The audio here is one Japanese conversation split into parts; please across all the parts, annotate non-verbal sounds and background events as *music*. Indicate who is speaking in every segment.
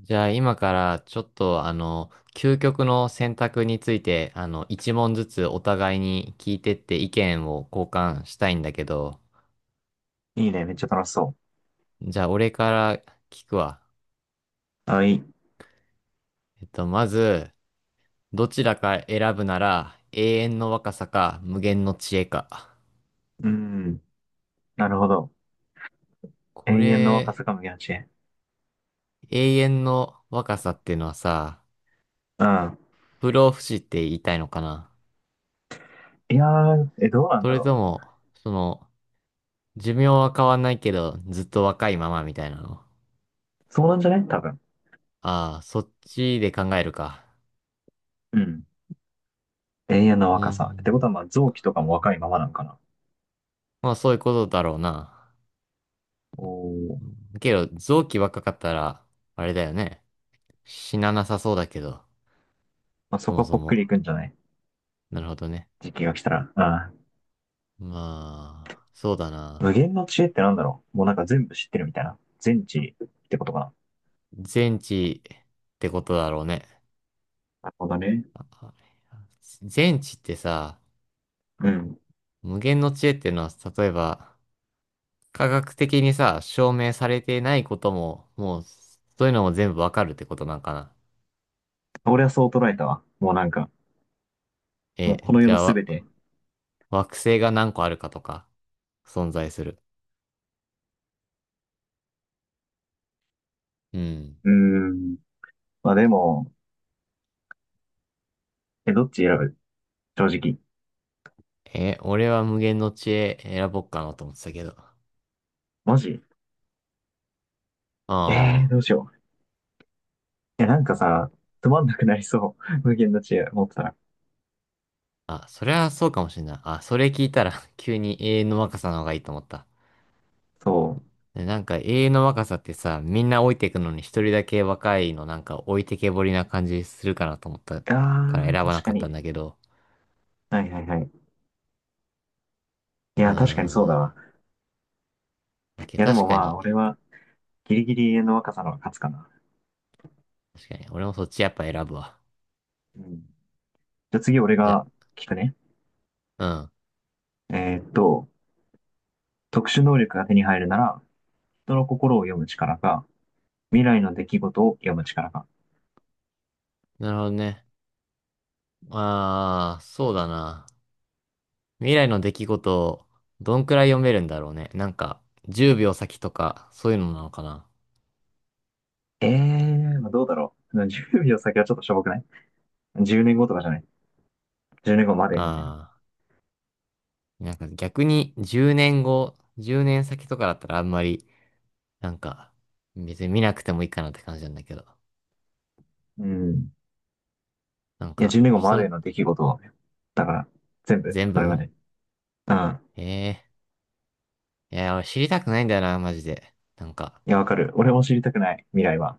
Speaker 1: じゃあ今からちょっと究極の選択について、一問ずつお互いに聞いてって意見を交換したいんだけど、
Speaker 2: いいね。めっちゃ楽しそ
Speaker 1: じゃあ俺から聞くわ。
Speaker 2: う。あ、いい。
Speaker 1: まず、どちらか選ぶなら永遠の若さか無限の知恵か。
Speaker 2: うん。なるほど。
Speaker 1: こ
Speaker 2: 永遠の若
Speaker 1: れ、
Speaker 2: さか無限八へ。
Speaker 1: 永遠の若さっていうのはさ、
Speaker 2: うん。
Speaker 1: 不老不死って言いたいのかな。
Speaker 2: いやー、え、どうなん
Speaker 1: そ
Speaker 2: だ
Speaker 1: れ
Speaker 2: ろ
Speaker 1: とも、その、寿命は変わんないけど、ずっと若いままみたいなの。
Speaker 2: う。そうなんじゃない？多分。
Speaker 1: ああ、そっちで考えるか。
Speaker 2: うん。永遠の
Speaker 1: う
Speaker 2: 若さ。ってこ
Speaker 1: ん。
Speaker 2: とは、まあ、臓器とかも若いままなんかな。
Speaker 1: まあそういうことだろうな。
Speaker 2: お
Speaker 1: う
Speaker 2: ー。
Speaker 1: んけど、臓器若かったら、あれだよね。死ななさそうだけど、
Speaker 2: まあ、そ
Speaker 1: そ
Speaker 2: こ
Speaker 1: も
Speaker 2: はぽ
Speaker 1: そ
Speaker 2: っくり
Speaker 1: も。
Speaker 2: いくんじゃない？
Speaker 1: なるほどね。
Speaker 2: 時期が来たら。うん。
Speaker 1: まあ、そうだな。
Speaker 2: 無限の知恵ってなんだろう。もうなんか全部知ってるみたいな。全知ってことかな。
Speaker 1: 全知ってことだろうね。
Speaker 2: なるほどね。
Speaker 1: あ全知ってさ、
Speaker 2: うん。
Speaker 1: 無限の知恵っていうのは、例えば、科学的にさ、証明されてないことも、もう、そういうのも全部わかるってことなんかな。
Speaker 2: 俺はそう捉えたわ。もうなんか、
Speaker 1: え、
Speaker 2: もうこの
Speaker 1: じ
Speaker 2: 世
Speaker 1: ゃ
Speaker 2: の
Speaker 1: あ、
Speaker 2: すべて。
Speaker 1: 惑星が何個あるかとか。存在する。うん。
Speaker 2: うーん。まあでも、え、どっち選ぶ？正直。
Speaker 1: え、俺は無限の知恵選ぼっかなと思ってたけど。
Speaker 2: マジ？え
Speaker 1: ああ。
Speaker 2: どうしよう。いや、なんかさ、つまんなくなりそう。*laughs* 無限の知恵持ってたら。
Speaker 1: あ、それはそうかもしれない。あ、それ聞いたら *laughs* 急に永遠の若さの方がいいと思った。
Speaker 2: そ
Speaker 1: でなんか永遠の若さってさ、みんな老いていくのに一人だけ若いのなんか置いてけぼりな感じするかなと思った
Speaker 2: う。
Speaker 1: から選
Speaker 2: あー、
Speaker 1: ばな
Speaker 2: 確
Speaker 1: か
Speaker 2: か
Speaker 1: ったん
Speaker 2: に。
Speaker 1: だけど。
Speaker 2: はいはいはい。い
Speaker 1: うー
Speaker 2: や、確かに
Speaker 1: ん。
Speaker 2: そうだ
Speaker 1: ま
Speaker 2: わ。
Speaker 1: あ
Speaker 2: い
Speaker 1: け
Speaker 2: や、で
Speaker 1: 確
Speaker 2: も
Speaker 1: か
Speaker 2: ま
Speaker 1: に。
Speaker 2: あ、俺は、ギリギリ永遠の若さの方が勝つかな。
Speaker 1: 確かに。俺もそっちやっぱ選ぶわ。
Speaker 2: うん。じゃあ次、俺
Speaker 1: じゃ、
Speaker 2: が聞くね。
Speaker 1: うん。
Speaker 2: えーっと、特殊能力が手に入るなら、人の心を読む力か、未来の出来事を読む力か。
Speaker 1: なるほどね。ああ、そうだな。未来の出来事をどんくらい読めるんだろうね。なんか、10秒先とか、そういうのなのかな。
Speaker 2: えまあ、どうだろう。10秒先はちょっとしょぼくない？ 10 年後とかじゃない？ 10 年後までみたいな。
Speaker 1: ああ、なんか逆に10年後、10年先とかだったらあんまり、なんか、別に見なくてもいいかなって感じなんだけど。
Speaker 2: うん。
Speaker 1: なん
Speaker 2: いや、10
Speaker 1: か、
Speaker 2: 年後ま
Speaker 1: 人
Speaker 2: で
Speaker 1: の、
Speaker 2: の出来事をね。だから、全部、
Speaker 1: 全
Speaker 2: それ
Speaker 1: 部。
Speaker 2: まで。うん。
Speaker 1: ええー、いや、俺知りたくないんだよな、マジで。なんか、
Speaker 2: いや、わかる。俺も知りたくない、未来は。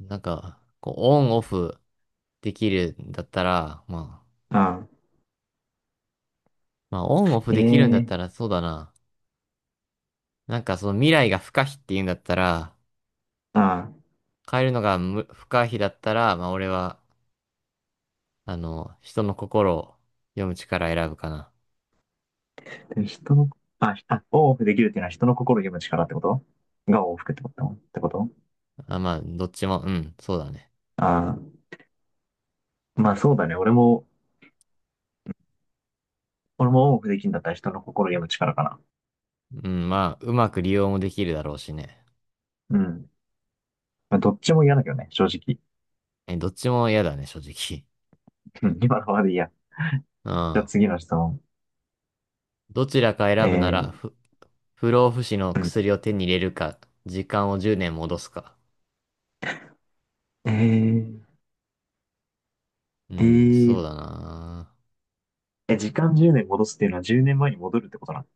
Speaker 1: こう、オンオフできるんだったら、まあ、
Speaker 2: うん。
Speaker 1: オンオフ
Speaker 2: え
Speaker 1: できるんだ
Speaker 2: え
Speaker 1: っ
Speaker 2: ー、
Speaker 1: たら、そうだな。なんかその未来が不可避っていうんだったら、
Speaker 2: うん。
Speaker 1: 変えるのが不可避だったら、まあ俺は、人の心を読む力選ぶかな。
Speaker 2: でも人の、あ、オンオフできるっていうのは人の心を読む力ってことがオンオフってことってこと？
Speaker 1: あ、まあ、どっちも、うん、そうだね。
Speaker 2: ああー、まあそうだね。俺もオンオフできるんだったら人の心を読む力かな。
Speaker 1: うん、まあ、うまく利用もできるだろうしね。
Speaker 2: うん。まあ、どっちも嫌だけどね、正直。
Speaker 1: え、どっちも嫌だね、正直。
Speaker 2: うん、今のままでいいや。
Speaker 1: う
Speaker 2: じゃあ
Speaker 1: ん。
Speaker 2: 次の質問。
Speaker 1: どちらか
Speaker 2: え
Speaker 1: 選ぶなら、
Speaker 2: ー、
Speaker 1: 不老不死の
Speaker 2: うん。
Speaker 1: 薬を手に入れるか、時間を10年戻すか。
Speaker 2: えー、
Speaker 1: う
Speaker 2: え
Speaker 1: ん、そう
Speaker 2: ー、
Speaker 1: だな。
Speaker 2: 時間10年戻すっていうのは10年前に戻るってことなの？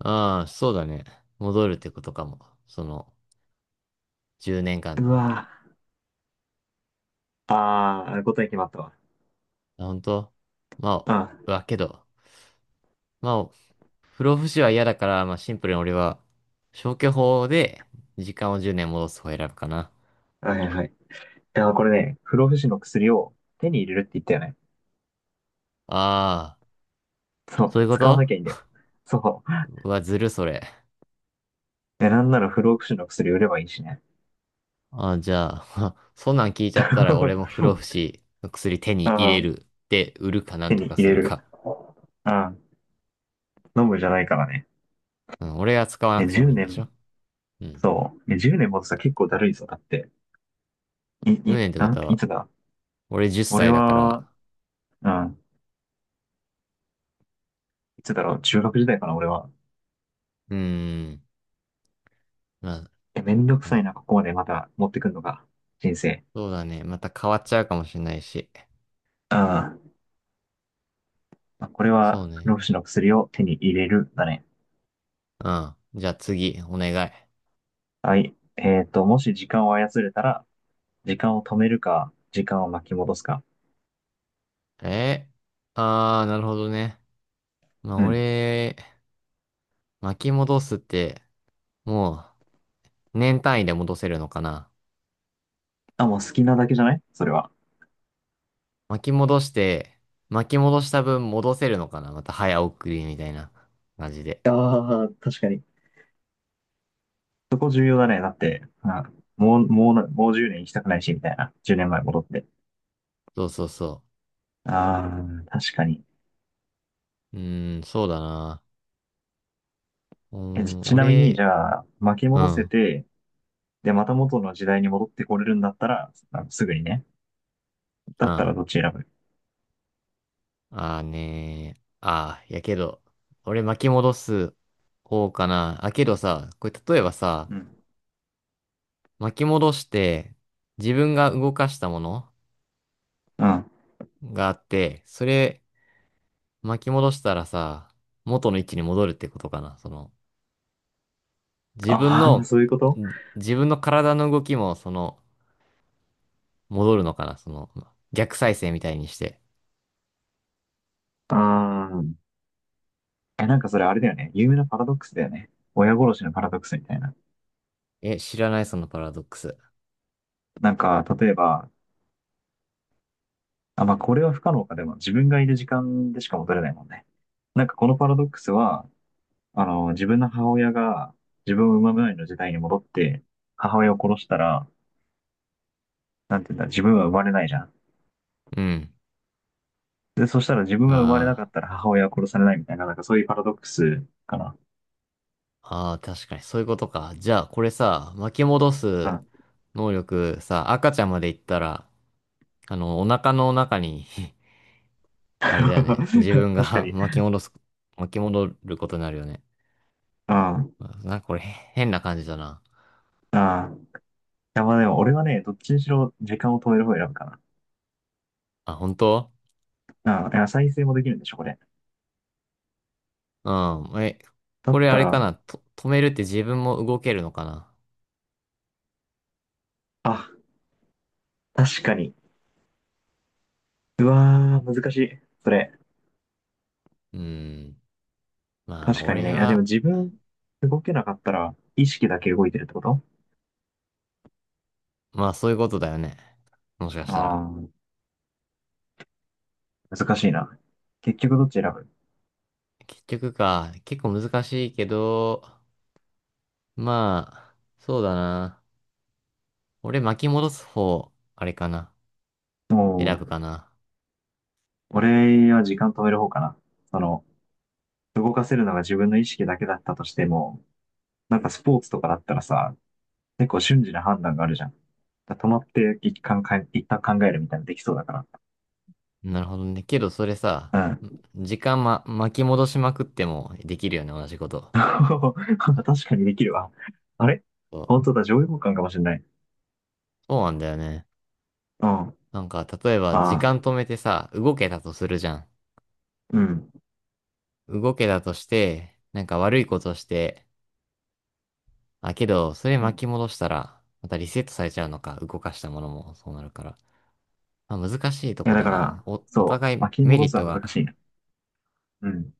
Speaker 1: ああ、そうだね。戻るってことかも。その、10年
Speaker 2: う
Speaker 1: 間。
Speaker 2: わぁ。ああ、答え決まったわ。
Speaker 1: あ、本当？ま
Speaker 2: あ
Speaker 1: あ、けど、まあ、不老不死は嫌だから、まあシンプルに俺は消去法で時間を10年戻す方を選ぶかな。
Speaker 2: ー、はいはいはい。いや、これね、不老不死の薬を手に入れるって言ったよね。
Speaker 1: ああ、
Speaker 2: そ
Speaker 1: そうい
Speaker 2: う、
Speaker 1: うこ
Speaker 2: 使わ
Speaker 1: と。
Speaker 2: なきゃいいんだよ。そう。
Speaker 1: うわ、ずるそれ。
Speaker 2: え、なんなら不老不死の薬売ればいいしね。
Speaker 1: じゃあ、*laughs* そんなん聞いちゃった
Speaker 2: *laughs*
Speaker 1: ら俺も不老不死の薬手に入
Speaker 2: あ
Speaker 1: れ
Speaker 2: あ、
Speaker 1: るで売るかなん
Speaker 2: 手
Speaker 1: と
Speaker 2: に
Speaker 1: か
Speaker 2: 入
Speaker 1: す
Speaker 2: れ
Speaker 1: る
Speaker 2: る。
Speaker 1: か。
Speaker 2: ああ、飲むじゃないからね。
Speaker 1: うん、俺が使わ
Speaker 2: い
Speaker 1: な
Speaker 2: や、
Speaker 1: くても
Speaker 2: 10
Speaker 1: いいんでしょ？
Speaker 2: 年、
Speaker 1: うん。
Speaker 2: そう。いや、10年もとさ、結構だるいぞ。だって、い、
Speaker 1: 1
Speaker 2: い、
Speaker 1: 年ってこ
Speaker 2: なん、
Speaker 1: と
Speaker 2: い
Speaker 1: は、
Speaker 2: つだ
Speaker 1: 俺10
Speaker 2: 俺
Speaker 1: 歳だか
Speaker 2: は、
Speaker 1: ら、
Speaker 2: うん、いつだろう、中学時代かな、俺は。
Speaker 1: うーん、ま
Speaker 2: え、めんどく
Speaker 1: あ、は
Speaker 2: さ
Speaker 1: い。
Speaker 2: いな、ここまでまた持ってくんのか、人生。
Speaker 1: そうだね。また変わっちゃうかもしれないし。
Speaker 2: うん。まあこれ
Speaker 1: そ
Speaker 2: は
Speaker 1: う
Speaker 2: 不老
Speaker 1: ね。
Speaker 2: 不死の薬を手に入れるだね。
Speaker 1: うん。じゃあ次、お願い。
Speaker 2: はい。もし時間を操れたら、時間を止めるか、時間を巻き戻すか。
Speaker 1: えああー、なるほどね。まあ、
Speaker 2: うん。
Speaker 1: 俺、巻き戻すって、も年単位で戻せるのかな。
Speaker 2: あ、もう好きなだけじゃない？それは。
Speaker 1: 巻き戻して、巻き戻した分戻せるのかな。また早送りみたいな感じで。
Speaker 2: ああ、確かに。そこ重要だね。だって、まあもう10年行きたくないし、みたいな。10年前戻って。
Speaker 1: そうそうそ
Speaker 2: ああ、確かに。
Speaker 1: う。うーん、そうだな。うー
Speaker 2: え、ち
Speaker 1: ん、
Speaker 2: ちなみに、
Speaker 1: 俺、
Speaker 2: じゃあ、巻き
Speaker 1: う
Speaker 2: 戻
Speaker 1: ん、う
Speaker 2: せ
Speaker 1: ん。
Speaker 2: て、で、また元の時代に戻ってこれるんだったら、まあのすぐにね。だった
Speaker 1: あ
Speaker 2: らどっち選ぶ？
Speaker 1: ーねー。やけど、俺巻き戻す方かな。あ、けどさ、これ例えばさ、
Speaker 2: うん。
Speaker 1: 巻き戻して、自分が動かしたもの
Speaker 2: うん、
Speaker 1: があって、それ巻き戻したらさ、元の位置に戻るってことかな。自分
Speaker 2: ああ、
Speaker 1: の、
Speaker 2: そういうこと？
Speaker 1: 自分の体の動きも、戻るのかな。その、逆再生みたいにして。
Speaker 2: ああ、え、なんかそれあれだよね。有名なパラドックスだよね。親殺しのパラドックスみたいな。
Speaker 1: え、知らない、そのパラドックス。
Speaker 2: なんか、例えば、あ、まあ、これは不可能か。でも、自分がいる時間でしか戻れないもんね。なんか、このパラドックスは、自分の母親が自分を産む前の時代に戻って、母親を殺したら、なんていうんだ、自分は生まれないじゃん。
Speaker 1: うん。
Speaker 2: で、そしたら自分が生まれな
Speaker 1: あ
Speaker 2: かったら母親は殺されないみたいな、なんかそういうパラドックスかな。
Speaker 1: あ、ああ、確かに、そういうことか。じゃあ、これさ、巻き戻
Speaker 2: う
Speaker 1: す
Speaker 2: ん。
Speaker 1: 能力さ、赤ちゃんまで行ったら、お腹の中に *laughs*
Speaker 2: *laughs*
Speaker 1: あれだよね。自分
Speaker 2: 確か
Speaker 1: が *laughs*
Speaker 2: に。
Speaker 1: 巻き戻ることになるよね。
Speaker 2: うん。あ
Speaker 1: なんかこれ変な感じだな。
Speaker 2: あ。いや、まあでも、俺はね、どっちにしろ時間を止める方を選ぶかな。
Speaker 1: あ、本当？
Speaker 2: ああ、いや再生もできるんでしょ？これ。
Speaker 1: うん。え、
Speaker 2: だ
Speaker 1: こ
Speaker 2: っ
Speaker 1: れあ
Speaker 2: た
Speaker 1: れか
Speaker 2: ら、
Speaker 1: な。止めるって自分も動けるのかな。
Speaker 2: あ、確かに。うわー、難しい。それ。
Speaker 1: うーん。まあ、
Speaker 2: 確かに
Speaker 1: 俺
Speaker 2: ね。いや、でも
Speaker 1: は、
Speaker 2: 自分、動けなかったら、意識だけ動いてるってこと？
Speaker 1: まあそういうことだよね。もしかしたら。
Speaker 2: ああー、難しいな。結局どっち選ぶ？
Speaker 1: 結局か、結構難しいけど、まあ、そうだな。俺巻き戻す方、あれかな。
Speaker 2: も
Speaker 1: 選ぶか
Speaker 2: う、
Speaker 1: な。
Speaker 2: 俺は時間止める方かな。その、動かせるのが自分の意識だけだったとしても、なんかスポーツとかだったらさ、結構瞬時な判断があるじゃん。だから止まって一旦考えるみたいなのできそうだか
Speaker 1: なるほどね。けどそれさ、
Speaker 2: ら。うん。
Speaker 1: 時間、巻き戻しまくってもできるよね、同じこと。
Speaker 2: *laughs* 確かにできるわ。あれ
Speaker 1: そう
Speaker 2: 本当だ、上位互換かもしれない。
Speaker 1: そうなんだよね。
Speaker 2: うん。あ
Speaker 1: なんか、例えば時
Speaker 2: あ、
Speaker 1: 間止めてさ、動けたとするじゃん。
Speaker 2: うん。
Speaker 1: 動けたとして、なんか悪いことして、あ、けど、それ
Speaker 2: うん。
Speaker 1: 巻
Speaker 2: い
Speaker 1: き戻したら、またリセットされちゃうのか、動かしたものもそうなるから。まあ、難しいと
Speaker 2: や、
Speaker 1: こ
Speaker 2: だ
Speaker 1: だ
Speaker 2: か
Speaker 1: な。
Speaker 2: ら、
Speaker 1: お
Speaker 2: そ
Speaker 1: 互
Speaker 2: う、
Speaker 1: い
Speaker 2: 巻き
Speaker 1: メ
Speaker 2: 戻
Speaker 1: リッ
Speaker 2: す
Speaker 1: ト
Speaker 2: は難し
Speaker 1: が、
Speaker 2: いな。うん。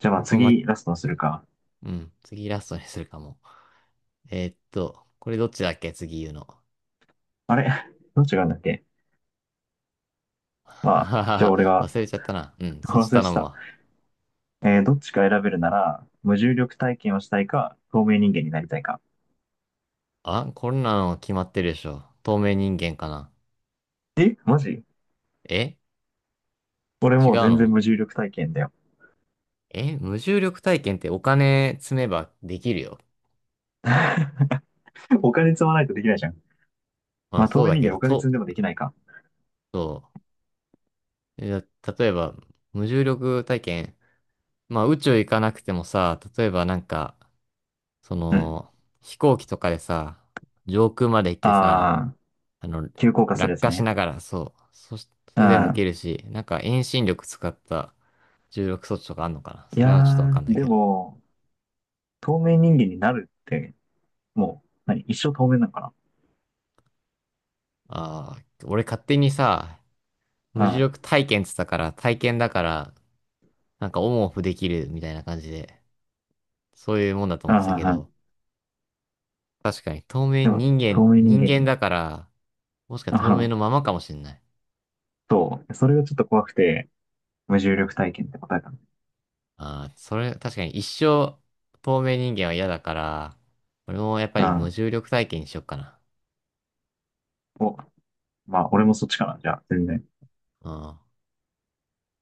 Speaker 2: じゃあまあ
Speaker 1: 本当ま、
Speaker 2: 次、ラストにするか。
Speaker 1: うん、次ラストにするかも。これどっちだっけ次言うの。
Speaker 2: あれ *laughs* どっちがあるんだっけ？
Speaker 1: は
Speaker 2: まあ、
Speaker 1: はは
Speaker 2: じゃあ
Speaker 1: は
Speaker 2: 俺が
Speaker 1: 忘れちゃったな。うん、
Speaker 2: *laughs*
Speaker 1: そっち
Speaker 2: 忘れ
Speaker 1: 頼
Speaker 2: て
Speaker 1: む
Speaker 2: た。
Speaker 1: わ。
Speaker 2: どっちか選べるなら、無重力体験をしたいか、透明人間になりたいか。
Speaker 1: あ、こんなの決まってるでしょ。透明人間かな。
Speaker 2: え、マジ？
Speaker 1: え。
Speaker 2: 俺
Speaker 1: 違う
Speaker 2: もう全然
Speaker 1: の？
Speaker 2: 無重力体験だよ。
Speaker 1: 無重力体験ってお金積めばできるよ。
Speaker 2: *laughs* お金積まないとできないじゃん。
Speaker 1: ま
Speaker 2: ま
Speaker 1: あ
Speaker 2: あ、透
Speaker 1: そう
Speaker 2: 明
Speaker 1: だ
Speaker 2: 人
Speaker 1: け
Speaker 2: 間
Speaker 1: ど、
Speaker 2: お金積んでもできないか。
Speaker 1: そう。例えば、無重力体験、まあ宇宙行かなくてもさ、例えばなんか、そ
Speaker 2: うん。
Speaker 1: の、飛行機とかでさ、上空まで行ってさ、
Speaker 2: ああ、
Speaker 1: あの、
Speaker 2: 急降下するや
Speaker 1: 落
Speaker 2: つ
Speaker 1: 下し
Speaker 2: ね。
Speaker 1: ながら、そう。それでも
Speaker 2: あ
Speaker 1: 受
Speaker 2: あ、
Speaker 1: けるし、なんか遠心力使った重力装置とかあんのかな。
Speaker 2: い
Speaker 1: そ
Speaker 2: や
Speaker 1: れはちょっとわかん
Speaker 2: ー、
Speaker 1: ない
Speaker 2: で
Speaker 1: けど。
Speaker 2: も、透明人間になるって、もう、何、一生透明なのか
Speaker 1: ああ、俺勝手にさ、無
Speaker 2: な？
Speaker 1: 重
Speaker 2: あ
Speaker 1: 力体験っつったから、体験だから、なんかオンオフできるみたいな感じで、そういうもんだと
Speaker 2: あ、
Speaker 1: 思ってたけ
Speaker 2: ああ、
Speaker 1: ど、確かに透明人
Speaker 2: 透
Speaker 1: 間、
Speaker 2: 明人
Speaker 1: 人
Speaker 2: 間
Speaker 1: 間
Speaker 2: に。
Speaker 1: だから、もしか
Speaker 2: あ
Speaker 1: 透明
Speaker 2: あ、
Speaker 1: のままかもしんない。
Speaker 2: そう、それがちょっと怖くて、無重力体験って答えたの。
Speaker 1: ああ、それ、確かに一生透明人間は嫌だから、俺もやっぱ
Speaker 2: あ
Speaker 1: り無
Speaker 2: あ、
Speaker 1: 重力体験にしよっかな。
Speaker 2: お、まあ、俺もそっちかな、じゃあ、全然。
Speaker 1: うん。